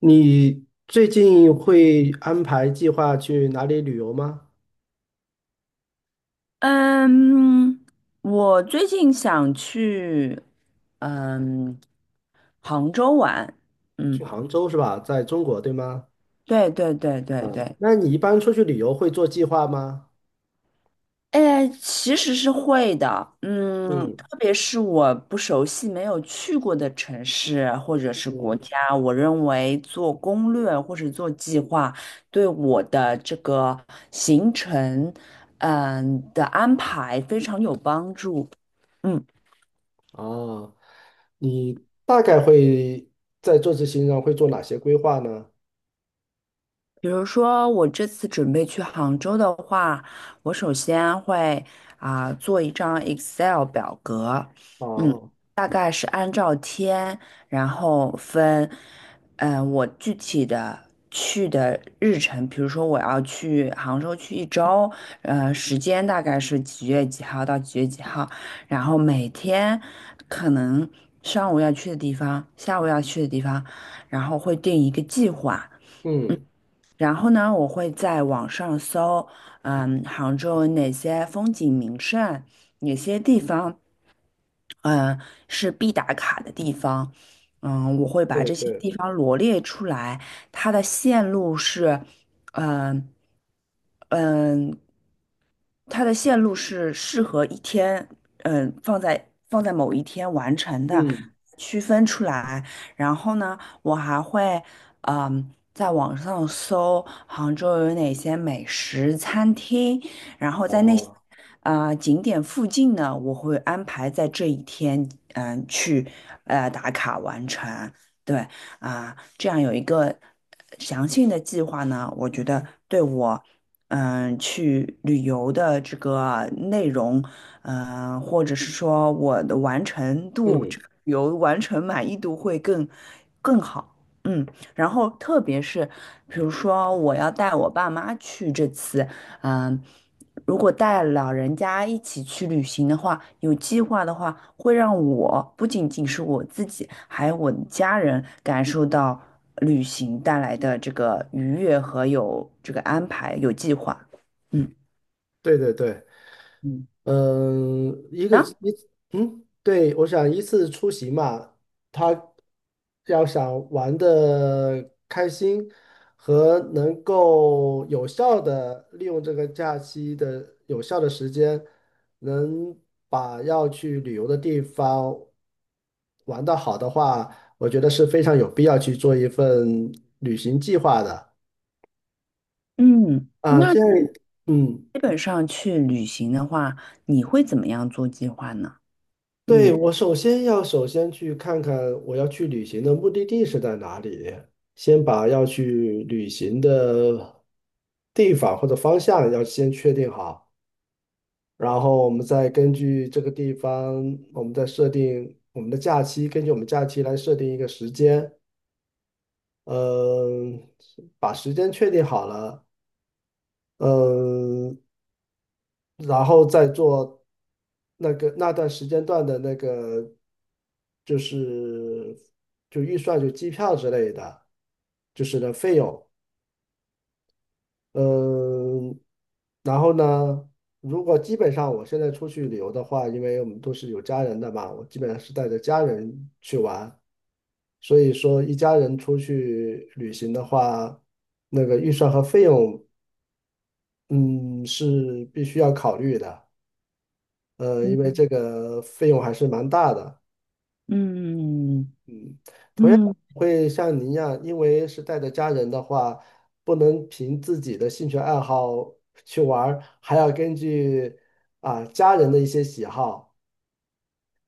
你最近会安排计划去哪里旅游吗？嗯，我最近想去嗯杭州玩，去嗯，杭州是吧？在中国，对吗？对对对对嗯，对，那你一般出去旅游会做计划吗？哎，其实是会的，嗯，嗯特别是我不熟悉、没有去过的城市或者是国嗯。家，我认为做攻略或者做计划，对我的这个行程，的安排非常有帮助，嗯。哦，你大概会在这次行程上会做哪些规划呢？比如说，我这次准备去杭州的话，我首先会做一张 Excel 表格，嗯，哦。大概是按照天，然后分，我具体的去的日程，比如说我要去杭州去一周，时间大概是几月几号到几月几号，然后每天可能上午要去的地方，下午要去的地方，然后会定一个计划。嗯。然后呢，我会在网上搜，嗯，杭州有哪些风景名胜，哪些地方，嗯，是必打卡的地方。嗯，我会把对这些对。地方罗列出来，它的线路是，嗯嗯，它的线路是适合一天，嗯，放在某一天完成的，嗯。区分出来。然后呢，我还会，嗯，在网上搜杭州有哪些美食餐厅，然后在那些哦。景点附近呢，我会安排在这一天，嗯，去打卡完成。对啊，这样有一个详细的计划呢，我觉得对我。嗯，去旅游的这个内容，或者是说我的完成度，嗯。这个旅游完成满意度会更好。嗯，然后特别是比如说我要带我爸妈去这次，嗯，如果带老人家一起去旅行的话，有计划的话，会让我不仅仅是我自己，还有我的家人感受到旅行带来的这个愉悦和有这个安排、有计划。嗯对对对。嗯嗯，一个啊，一嗯，对，我想一次出行嘛，他要想玩的开心和能够有效的利用这个假期的有效的时间，能把要去旅游的地方玩得好的话，我觉得是非常有必要去做一份旅行计划的嗯，啊，那这样，你嗯。基本上去旅行的话，你会怎么样做计划呢？对，嗯我首先要首先去看看我要去旅行的目的地是在哪里，先把要去旅行的地方或者方向要先确定好，然后我们再根据这个地方，我们再设定我们的假期，根据我们假期来设定一个时间，嗯，把时间确定好了，嗯，然后再做。那段时间段的就是就预算就机票之类的，费用，嗯，然后呢，如果基本上我现在出去旅游的话，因为我们都是有家人的嘛，我基本上是带着家人去玩，所以说一家人出去旅行的话，那个预算和费用，嗯，是必须要考虑的，因为嗯这个费用还是蛮大的。嗯同样嗯会像您一样，因为是带着家人的话，不能凭自己的兴趣爱好去玩儿，还要根据啊家人的一些喜好，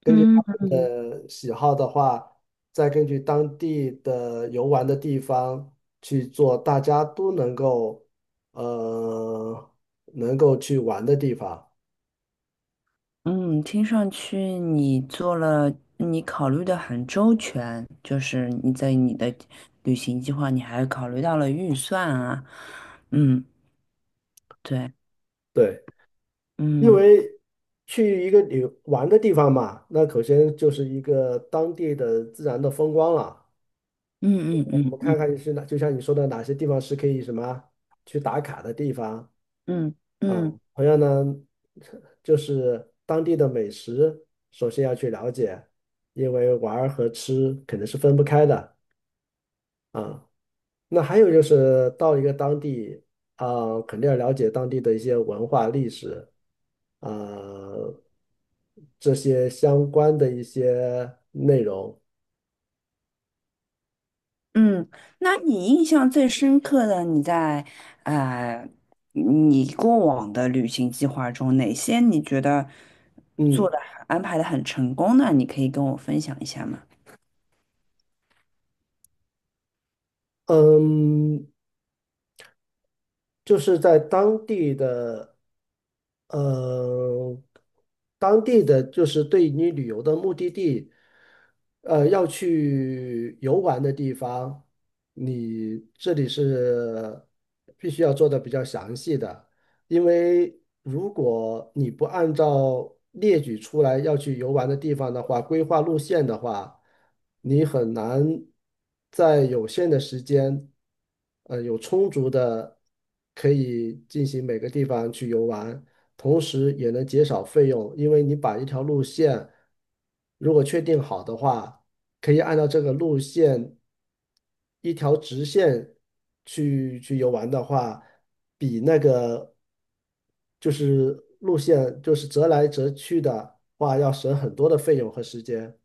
嗯。喜好的话，再根据当地的游玩的地方去做，大家都能够呃能够去玩的地方。嗯，听上去你做了，你考虑的很周全，就是你在你的旅行计划，你还考虑到了预算啊，嗯，对，对，因嗯为去一个旅玩的地方嘛，那首先就是一个当地的自然的风光了。嗯嗯我们嗯看嗯看是哪，就像你说的，哪些地方是可以什么去打卡的地方嗯啊？嗯同样呢，就是当地的美食，首先要去了解，因为玩儿和吃肯定是分不开的啊。那还有就是到一个当地啊，肯定要了解当地的一些文化历史啊，这些相关的一些内容。嗯，那你印象最深刻的，你在呃你过往的旅行计划中，哪些你觉得做嗯。的安排的很成功呢？你可以跟我分享一下吗？嗯，就是在当地的，呃，当地的就是对你旅游的目的地，要去游玩的地方，你这里是必须要做的比较详细的。因为如果你不按照列举出来要去游玩的地方的话，规划路线的话，你很难在有限的时间，有充足的可以进行每个地方去游玩，同时也能减少费用，因为你把一条路线如果确定好的话。可以按照这个路线一条直线去游玩的话，比就是路线折来折去的话，要省很多的费用和时间。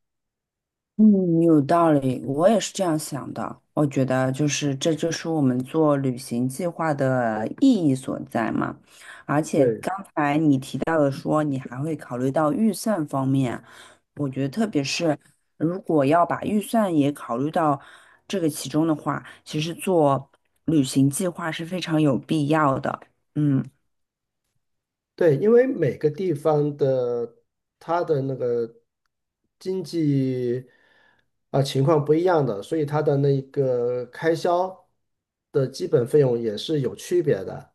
嗯，有道理，我也是这样想的。我觉得这就是我们做旅行计划的意义所在嘛。对提到了说你还会考虑到预算方面，我觉得特别是如果要把预算也考虑到这个其中的话，其实做旅行计划是非常有必要的。嗯，对，因为每个地方的它的那个经济啊、情况不一样的，所以它的那个开销的基本费用也是有区别的。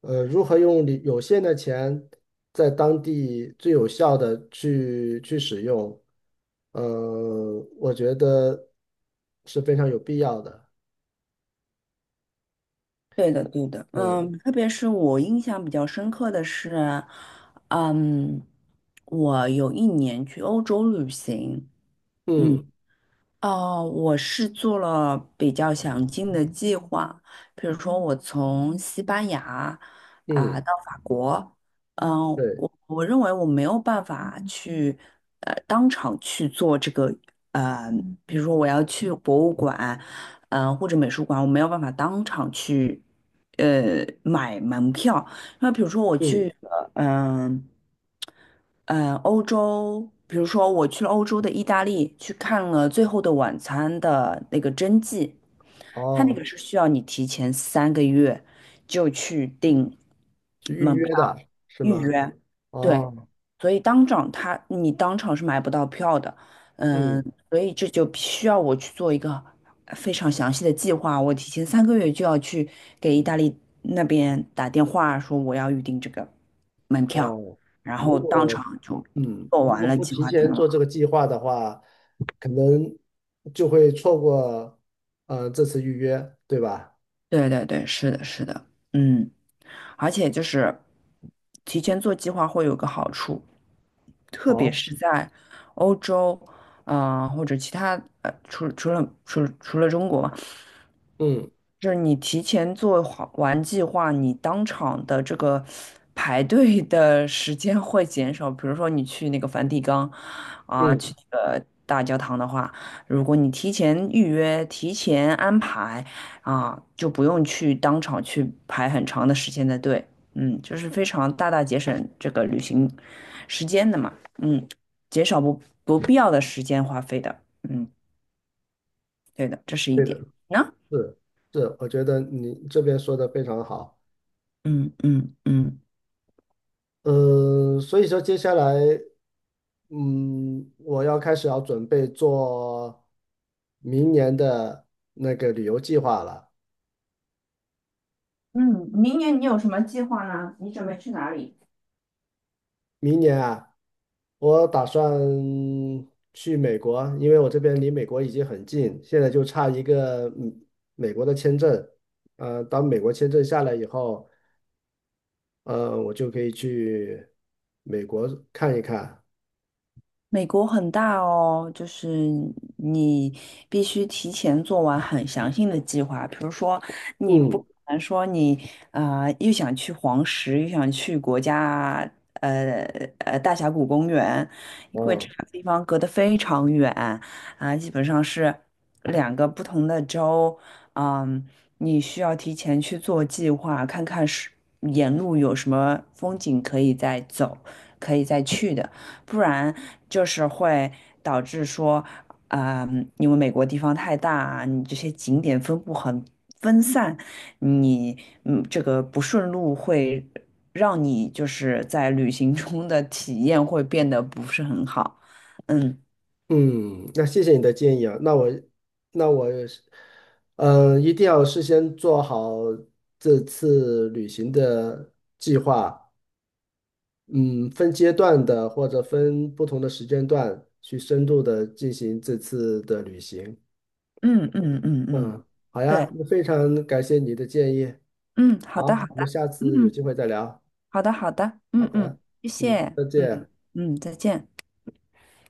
呃，如何用你有限的钱在当地最有效的去使用，呃，我觉得是非常有必要的。对的，对的。嗯嗯，特别是我印象比较深刻的是，嗯，我有一年去欧洲旅行。嗯，嗯哦，我是做了比较详尽的计划，比如说我从西班牙嗯。到法国，嗯、对。我认为我没有办法去当场去做这个，呃，比如说我要去博物馆，或者美术馆，我没有办法当场去买门票。那比如说我嗯。去嗯、嗯，呃欧洲，比如说我去了欧洲的意大利，去看了《最后的晚餐》的那个真迹，它那哦，个是需要你提前三个月就去订去预门约的票是预吗？约，对，哦。所以当场他你当场是买不到票的，嗯，嗯。所以这就需要我去做一个非常详细的计划，我提前三个月就要去给意大利那边打电话说我要预定这个门票，哦，然后如当果场就做如完果了不计提划定前做了。这个计划的话，可能就会错过这次预约，对吧？对对对，是的，是的，嗯。而且就是提前做计划会有个好处，特别好。是在欧洲，或者其他除了中国嗯就是你提前做好完计划，你当场的这个排队的时间会减少。比如说你去那个梵蒂冈啊，嗯。去那个大教堂的话，如果你提前预约、提前安排啊，就不用去当场去排很长的时间的队。嗯，就是非常大大节省这个旅行时间的嘛。嗯，减少不必要的时间花费的。嗯，对的，这是一对点。的。那是是，我觉得你这边说的非常好。嗯嗯。嗯嗯，所以说接下来，嗯，我要开始要准备做明年的那个旅游计划了。月你有什么计划呢？你准备去哪里？明年啊，我打算去美国，因为我这边离美国已经很近，现在就差一个美国的签证。呃，当美国签证下来以后，呃，我就可以去美国看一看。美国很大哦，就是你必须提前做完很详细的计划。比如说，你不嗯。可能说你又想去黄石，又想去呃大峡谷公园，因为这哦。两个地方隔得非常远基本上是两个不同的州。嗯，你需要提前去做计划，看看是沿路有什么风景可以再走，可以再去的。不然就是会导致说，啊、因为美国地方太大啊，你这些景点分布很分散，你这个不顺路会让你就是在旅行中的体验会变得不是很好。嗯嗯，那谢谢你的建议啊。那我嗯，一定要事先做好这次旅行的计划。嗯，分阶段的或者分不同的时间段去深度的进行这次的旅行。嗯嗯嗯嗯，嗯，好呀，对，那非常感谢你的建议。嗯，好好，的好我们的，下次有机嗯，会再聊。好的好的，好嗯嗯，的。谢嗯，谢，再嗯见。嗯，再见。